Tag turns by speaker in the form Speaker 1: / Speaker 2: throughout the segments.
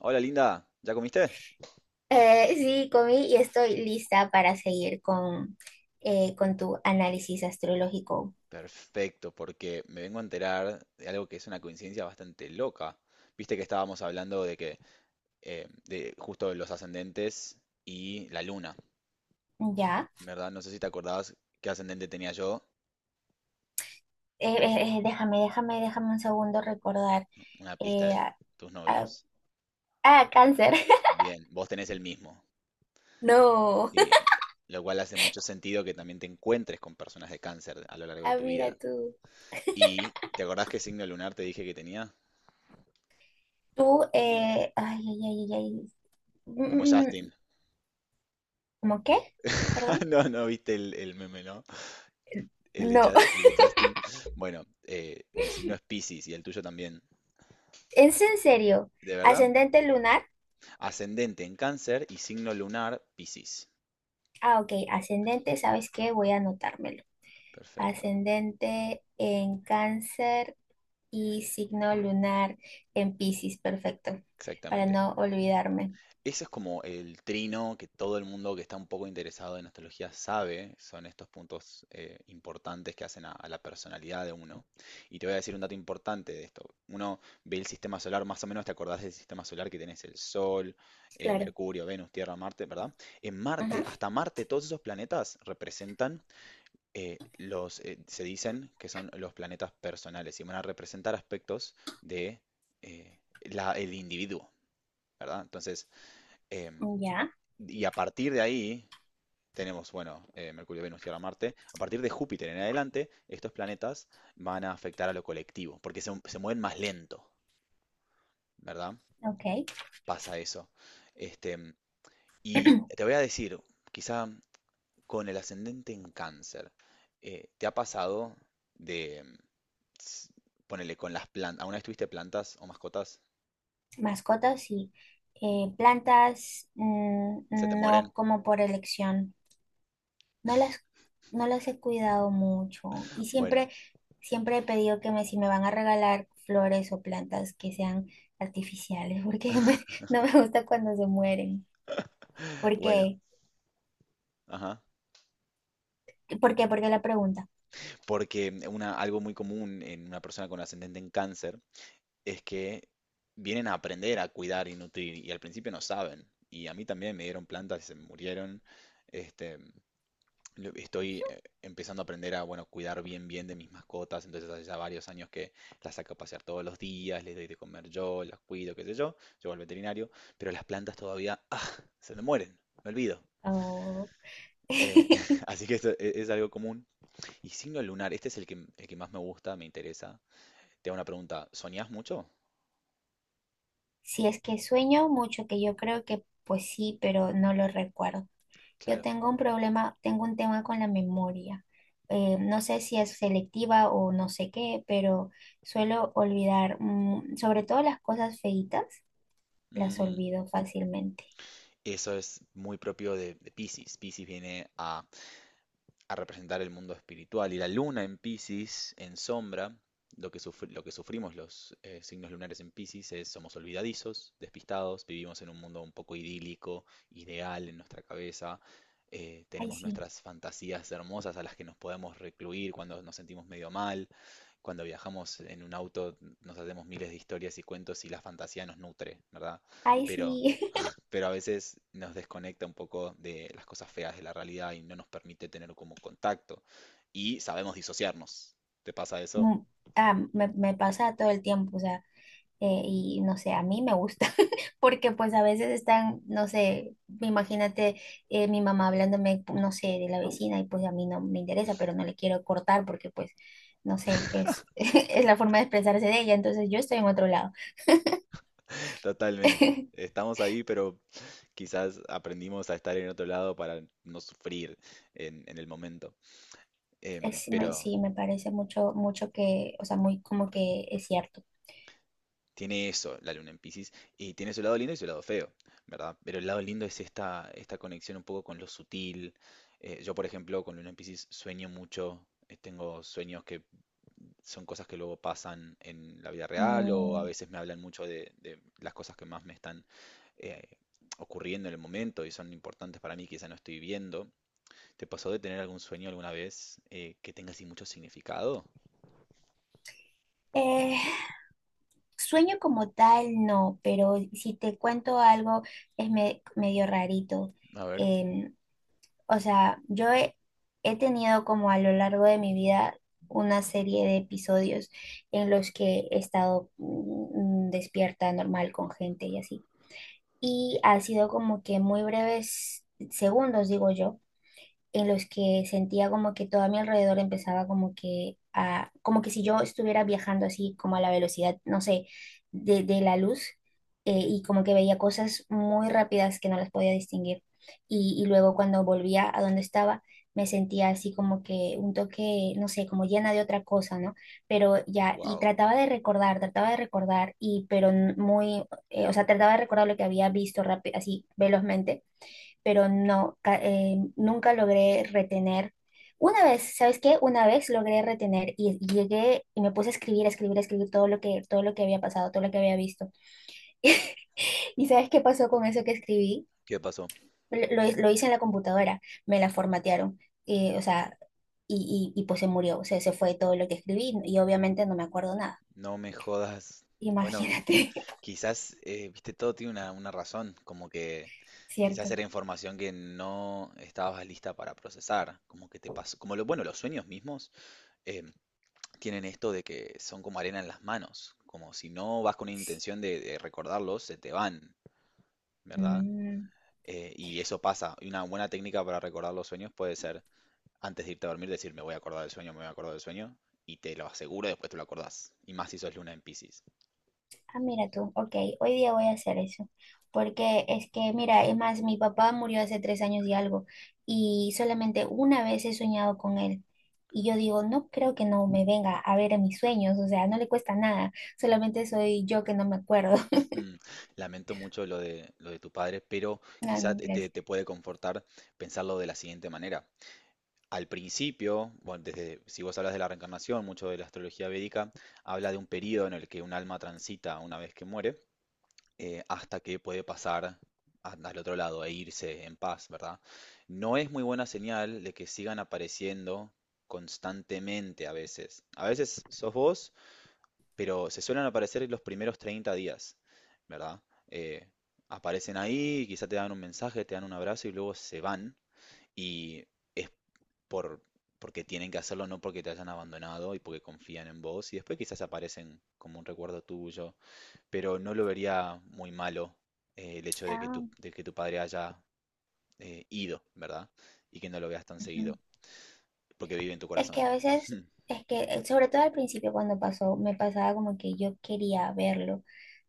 Speaker 1: Hola Linda, ¿ya comiste?
Speaker 2: Sí, comí y estoy lista para seguir con tu análisis astrológico.
Speaker 1: Perfecto, porque me vengo a enterar de algo que es una coincidencia bastante loca. Viste que estábamos hablando de que de justo de los ascendentes y la luna,
Speaker 2: Ya.
Speaker 1: ¿verdad? No sé si te acordabas qué ascendente tenía yo,
Speaker 2: Déjame un segundo recordar.
Speaker 1: una pista
Speaker 2: Eh,
Speaker 1: de
Speaker 2: ah,
Speaker 1: tus
Speaker 2: ah,
Speaker 1: novios.
Speaker 2: ah, cáncer.
Speaker 1: Bien, vos tenés el mismo,
Speaker 2: No.
Speaker 1: sí, lo cual hace mucho sentido que también te encuentres con personas de cáncer a lo largo de
Speaker 2: Ah,
Speaker 1: tu
Speaker 2: mira
Speaker 1: vida.
Speaker 2: tú.
Speaker 1: ¿Y te acordás qué signo lunar te dije que tenía?
Speaker 2: Tú, ay, ay, ay, ay, ay. Mm,
Speaker 1: Como
Speaker 2: mm,
Speaker 1: Justin.
Speaker 2: mm. ¿Cómo qué? Perdón.
Speaker 1: No, no viste el meme, ¿no? El de,
Speaker 2: No.
Speaker 1: El de Justin. Bueno, mi signo es Piscis y el tuyo también.
Speaker 2: ¿Es en serio?
Speaker 1: ¿De verdad?
Speaker 2: ¿Ascendente lunar?
Speaker 1: Ascendente en Cáncer y signo lunar Piscis.
Speaker 2: Ah, ok. Ascendente, ¿sabes qué? Voy a anotármelo.
Speaker 1: Perfecto,
Speaker 2: Ascendente en Cáncer. Y signo lunar en Piscis, perfecto, para
Speaker 1: exactamente.
Speaker 2: no olvidarme.
Speaker 1: Ese es como el trino que todo el mundo que está un poco interesado en astrología sabe, son estos puntos importantes que hacen a la personalidad de uno. Y te voy a decir un dato importante de esto. Uno ve el sistema solar, más o menos te acordás del sistema solar que tenés el Sol,
Speaker 2: Claro.
Speaker 1: Mercurio, Venus, Tierra, Marte, ¿verdad? En Marte,
Speaker 2: Ujú.
Speaker 1: hasta Marte, todos esos planetas representan se dicen que son los planetas personales y van a representar aspectos de eh, el individuo, ¿verdad? Entonces, em,
Speaker 2: Ya.
Speaker 1: y a partir de ahí tenemos, bueno, Mercurio, Venus, Tierra, Marte. A partir de Júpiter en adelante, estos planetas van a afectar a lo colectivo, porque se mueven más lento, ¿verdad?
Speaker 2: Ok.
Speaker 1: Pasa eso. Este, y te voy a decir, quizá con el ascendente en cáncer, ¿te ha pasado de, s- ponele, con las plantas, ¿alguna vez tuviste plantas o mascotas?
Speaker 2: Mascotas y plantas,
Speaker 1: ¿Se te
Speaker 2: no
Speaker 1: mueren?
Speaker 2: como por elección. No las, no las he cuidado mucho. Y siempre,
Speaker 1: Bueno,
Speaker 2: siempre he pedido que me, si me van a regalar flores o plantas que sean artificiales, porque no me gusta cuando se mueren. ¿Por
Speaker 1: bueno,
Speaker 2: qué?
Speaker 1: ajá.
Speaker 2: ¿Por qué la pregunta?
Speaker 1: Porque una, algo muy común en una persona con ascendente en cáncer es que vienen a aprender a cuidar y nutrir y al principio no saben. Y a mí también me dieron plantas y se me murieron. Este, estoy empezando a aprender a, bueno, cuidar bien bien de mis mascotas. Entonces hace ya varios años que las saco a pasear todos los días, les doy de comer yo, las cuido, qué sé yo. Llevo al veterinario, pero las plantas todavía ¡ah! Se me mueren, me olvido.
Speaker 2: Oh.
Speaker 1: Eh, así que eso es, algo común. Y signo lunar, este es el que más me gusta, me interesa. Te hago una pregunta, ¿soñás mucho?
Speaker 2: Si es que sueño mucho, que yo creo que pues sí, pero no lo recuerdo. Yo
Speaker 1: Claro.
Speaker 2: tengo un problema, tengo un tema con la memoria. No sé si es selectiva o no sé qué, pero suelo olvidar, sobre todo las cosas feitas, las
Speaker 1: Mm,
Speaker 2: olvido fácilmente.
Speaker 1: eso es muy propio de Piscis. Piscis viene a representar el mundo espiritual. Y la luna en piscis en sombra, lo que, lo que sufrimos los signos lunares en piscis es somos olvidadizos, despistados, vivimos en un mundo un poco idílico, ideal en nuestra cabeza,
Speaker 2: Ay,
Speaker 1: tenemos
Speaker 2: sí,
Speaker 1: nuestras fantasías hermosas a las que nos podemos recluir cuando nos sentimos medio mal, cuando viajamos en un auto nos hacemos miles de historias y cuentos y la fantasía nos nutre, ¿verdad?
Speaker 2: ay,
Speaker 1: Pero
Speaker 2: sí.
Speaker 1: pero a veces nos desconecta un poco de las cosas feas de la realidad y no nos permite tener como contacto. Y sabemos disociarnos. ¿Te pasa eso?
Speaker 2: Mm, me pasa todo el tiempo, o sea. Y no sé, a mí me gusta, porque pues a veces están, no sé, imagínate, mi mamá hablándome, no sé, de la vecina y pues a mí no me interesa, pero no le quiero cortar porque pues, no sé, es la forma de expresarse de ella, entonces yo estoy en otro lado.
Speaker 1: Totalmente. Estamos ahí, pero quizás aprendimos a estar en otro lado para no sufrir en el momento. Pero
Speaker 2: Sí, me parece mucho, mucho que, o sea, muy como que es cierto.
Speaker 1: tiene eso la luna en Piscis y tiene su lado lindo y su lado feo, ¿verdad? Pero el lado lindo es esta, esta conexión un poco con lo sutil. Yo, por ejemplo, con luna en Piscis sueño mucho, tengo sueños que son cosas que luego pasan en la vida real o a
Speaker 2: Mm,
Speaker 1: veces me hablan mucho de las cosas que más me están eh, ocurriendo en el momento y son importantes para mí, quizá no estoy viendo. ¿Te pasó de tener algún sueño alguna vez que tenga así mucho significado?
Speaker 2: eh, Sueño como tal, no, pero si te cuento algo, es medio rarito.
Speaker 1: A ver.
Speaker 2: em, O sea, yo he tenido como a lo largo de mi vida una serie de episodios en los que he estado despierta normal con gente y así. Y ha sido como que muy breves segundos, digo yo, en los que sentía como que todo a mi alrededor empezaba como que a, como que si yo estuviera viajando así como a la velocidad, no sé, de la luz. Y como que veía cosas muy rápidas que no las podía distinguir. Y luego cuando volvía a donde estaba, me sentía así como que un toque, no sé, como llena de otra cosa, ¿no? Pero ya, y
Speaker 1: Wow.
Speaker 2: trataba de recordar, y pero muy, o sea, trataba de recordar lo que había visto rápido, así velozmente, pero no, nunca logré retener. Una vez, ¿sabes qué? Una vez logré retener y llegué y me puse a escribir, a escribir, a escribir todo lo que había pasado, todo lo que había visto. ¿Y sabes qué pasó con eso que escribí?
Speaker 1: ¿Qué pasó?
Speaker 2: Lo hice en la computadora, me la formatearon, o sea, y pues se murió, o sea, se fue todo lo que escribí y obviamente no me acuerdo nada.
Speaker 1: No me jodas. Bueno,
Speaker 2: Imagínate.
Speaker 1: quizás, viste, todo tiene una razón, como que quizás
Speaker 2: ¿Cierto?
Speaker 1: era información que no estabas lista para procesar, como que te pasó, como lo, bueno, los sueños mismos. Tienen esto de que son como arena en las manos, como si no vas con una intención de recordarlos, se te van, ¿verdad?
Speaker 2: Mm.
Speaker 1: Y eso pasa. Y una buena técnica para recordar los sueños puede ser, antes de irte a dormir, decir, me voy a acordar del sueño, me voy a acordar del sueño, y te lo aseguro, después te lo acordás. Y más si sos luna en Piscis.
Speaker 2: Ah, mira tú, ok, hoy día voy a hacer eso, porque es que, mira, es más, mi papá murió hace 3 años y algo, y solamente una vez he soñado con él, y yo digo, no creo que no me venga a ver en mis sueños, o sea, no le cuesta nada, solamente soy yo que no me acuerdo.
Speaker 1: Mm, lamento mucho lo de tu padre, pero
Speaker 2: Ah,
Speaker 1: quizá
Speaker 2: no,
Speaker 1: te, te
Speaker 2: gracias.
Speaker 1: puede confortar pensarlo de la siguiente manera. Al principio, bueno, desde, si vos hablas de la reencarnación, mucho de la astrología védica habla de un periodo en el que un alma transita una vez que muere, hasta que puede pasar al otro lado e irse en paz, ¿verdad? No es muy buena señal de que sigan apareciendo constantemente a veces. A veces sos vos, pero se suelen aparecer en los primeros 30 días, ¿verdad? Eh, aparecen ahí, quizá te dan un mensaje, te dan un abrazo y luego se van y es por, porque tienen que hacerlo, no porque te hayan abandonado y porque confían en vos. Y después quizás aparecen como un recuerdo tuyo. Pero no lo vería muy malo el hecho
Speaker 2: Ah,
Speaker 1: de que tu padre haya ido, ¿verdad? Y que no lo veas tan
Speaker 2: ujú.
Speaker 1: seguido. Porque vive en tu
Speaker 2: Es que
Speaker 1: corazón.
Speaker 2: a veces, sobre todo al principio cuando pasó, me pasaba como que yo quería verlo,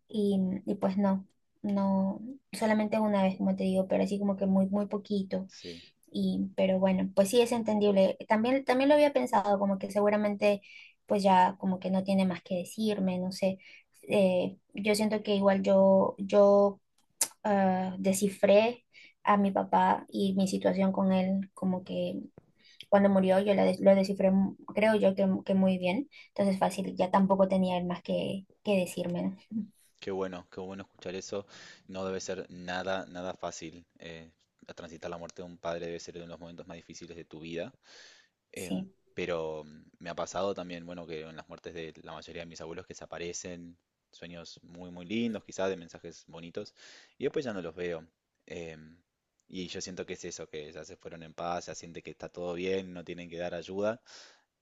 Speaker 2: y, y pues no, no, solamente una vez, como te digo, pero así como que muy, muy poquito.
Speaker 1: Sí.
Speaker 2: Y, pero bueno, pues sí es entendible. También, también lo había pensado, como que seguramente pues ya como que no tiene más que decirme, no sé. Yo siento que igual descifré a mi papá y mi situación con él, como que cuando murió lo descifré, creo yo que muy bien. Entonces fácil, ya tampoco tenía él más que decirme, ¿no?
Speaker 1: Qué bueno escuchar eso. No debe ser nada, nada fácil. Transitar la muerte de un padre debe ser uno de los momentos más difíciles de tu vida. Em,
Speaker 2: Sí,
Speaker 1: pero mm, me ha pasado también, bueno, que en las muertes de la mayoría de mis abuelos que se aparecen sueños muy, muy lindos, quizás de mensajes bonitos, y después ya no los veo. Em, y yo siento que es eso, que ya se fueron en paz, ya siente que está todo bien, no tienen que dar ayuda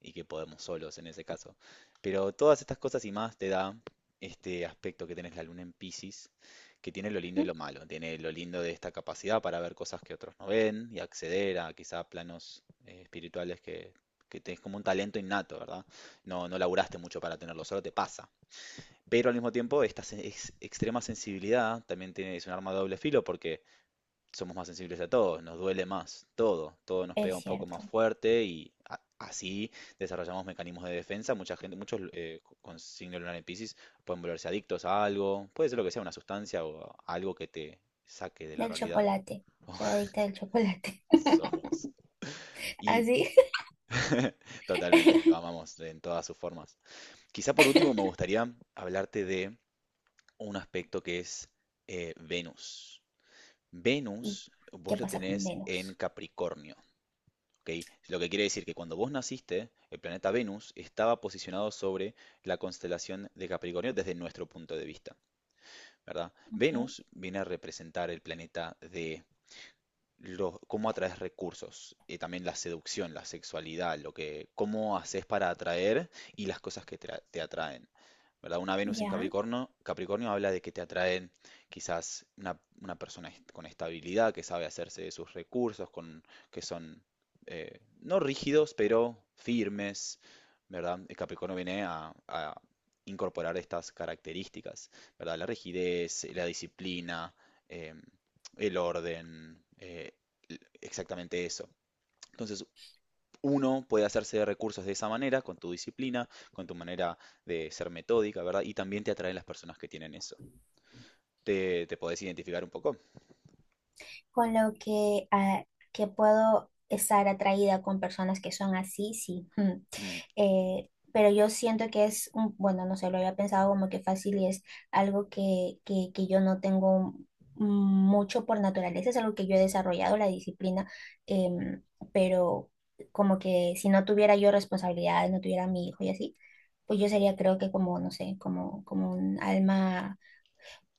Speaker 1: y que podemos solos en ese caso. Pero todas estas cosas y más te da este aspecto que tenés la luna en Piscis, que tiene lo lindo y
Speaker 2: ujú,
Speaker 1: lo malo. Tiene lo lindo de esta capacidad para ver cosas que otros no ven y acceder a quizá planos espirituales que tenés como un talento innato, ¿verdad? No, no laburaste mucho para tenerlo, solo te pasa. Pero al mismo tiempo, esta extrema sensibilidad también tiene, es un arma de doble filo porque somos más sensibles a todo, nos duele más todo, todo nos pega
Speaker 2: es
Speaker 1: un poco más
Speaker 2: cierto.
Speaker 1: fuerte y así desarrollamos mecanismos de defensa. Mucha gente, muchos con signo lunar en Piscis pueden volverse adictos a algo, puede ser lo que sea, una sustancia o algo que te saque de la
Speaker 2: Del
Speaker 1: realidad.
Speaker 2: chocolate, soy adicta del chocolate.
Speaker 1: Somos. Y
Speaker 2: Así.
Speaker 1: totalmente, lo amamos en todas sus formas. Quizá por último me gustaría hablarte de un aspecto que es Venus. Venus,
Speaker 2: ¿Qué
Speaker 1: vos lo
Speaker 2: pasa con
Speaker 1: tenés en
Speaker 2: Venus,
Speaker 1: Capricornio. ¿Ok? Lo que quiere decir que cuando vos naciste, el planeta Venus estaba posicionado sobre la constelación de Capricornio desde nuestro punto de vista, ¿verdad?
Speaker 2: ok?
Speaker 1: Venus viene a representar el planeta de cómo atraes recursos, también la seducción, la sexualidad, lo que, cómo haces para atraer y las cosas que te atraen. ¿Verdad? Una Venus en
Speaker 2: Ya,
Speaker 1: Capricornio, Capricornio habla de que te atraen quizás una persona con estabilidad, que sabe hacerse de sus recursos, con, que son no rígidos, pero firmes, ¿verdad? El Capricornio viene a incorporar estas características, ¿verdad? La rigidez, la disciplina, em, el orden, exactamente eso. Entonces, uno puede hacerse de recursos de esa manera, con tu disciplina, con tu manera de ser metódica, ¿verdad? Y también te atraen las personas que tienen eso. ¿Te, te podés identificar un poco?
Speaker 2: con lo que, que puedo estar atraída con personas que son así, sí. Mm.
Speaker 1: Mm,
Speaker 2: Pero yo siento que es un, bueno, no sé, lo había pensado como que fácil y es algo que yo no tengo mucho por naturaleza, es algo que yo he desarrollado, la disciplina, em, pero como que si no tuviera yo responsabilidades, no tuviera a mi hijo y así, pues yo sería creo que como, no sé, como un alma,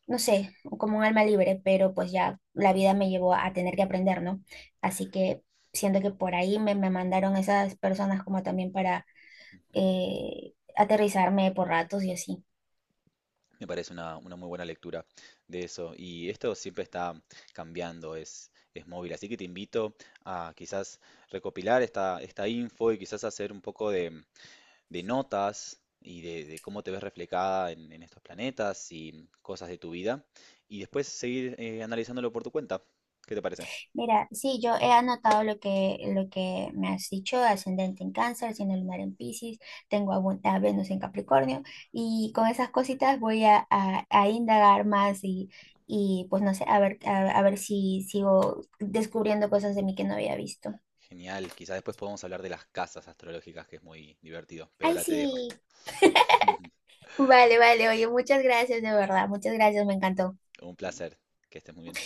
Speaker 2: no sé, como un alma libre, pero pues ya la vida me llevó a tener que aprender, ¿no? Así que siento que por ahí me mandaron esas personas como también para
Speaker 1: mm, mm.
Speaker 2: aterrizarme por ratos y así.
Speaker 1: Me parece una muy buena lectura de eso. Y esto siempre está cambiando, es móvil. Así que te invito a quizás recopilar esta, esta info y quizás hacer un poco de notas y de cómo te ves reflejada en estos planetas y cosas de tu vida, y después seguir analizándolo por tu cuenta. ¿Qué te parece?
Speaker 2: Mira, sí, yo he anotado lo que me has dicho, ascendente en Cáncer, signo lunar en Piscis, tengo a Venus en Capricornio y con esas cositas voy a indagar más y... Y pues no sé, a ver, a ver si sigo descubriendo cosas de mí que no había visto.
Speaker 1: Genial, quizás después podamos hablar de las casas astrológicas, que es muy divertido, pero
Speaker 2: Ay,
Speaker 1: ahora te dejo.
Speaker 2: sí. Vale, vale, oye, muchas gracias, de verdad, muchas gracias, me encantó.
Speaker 1: Un placer, que estés muy bien.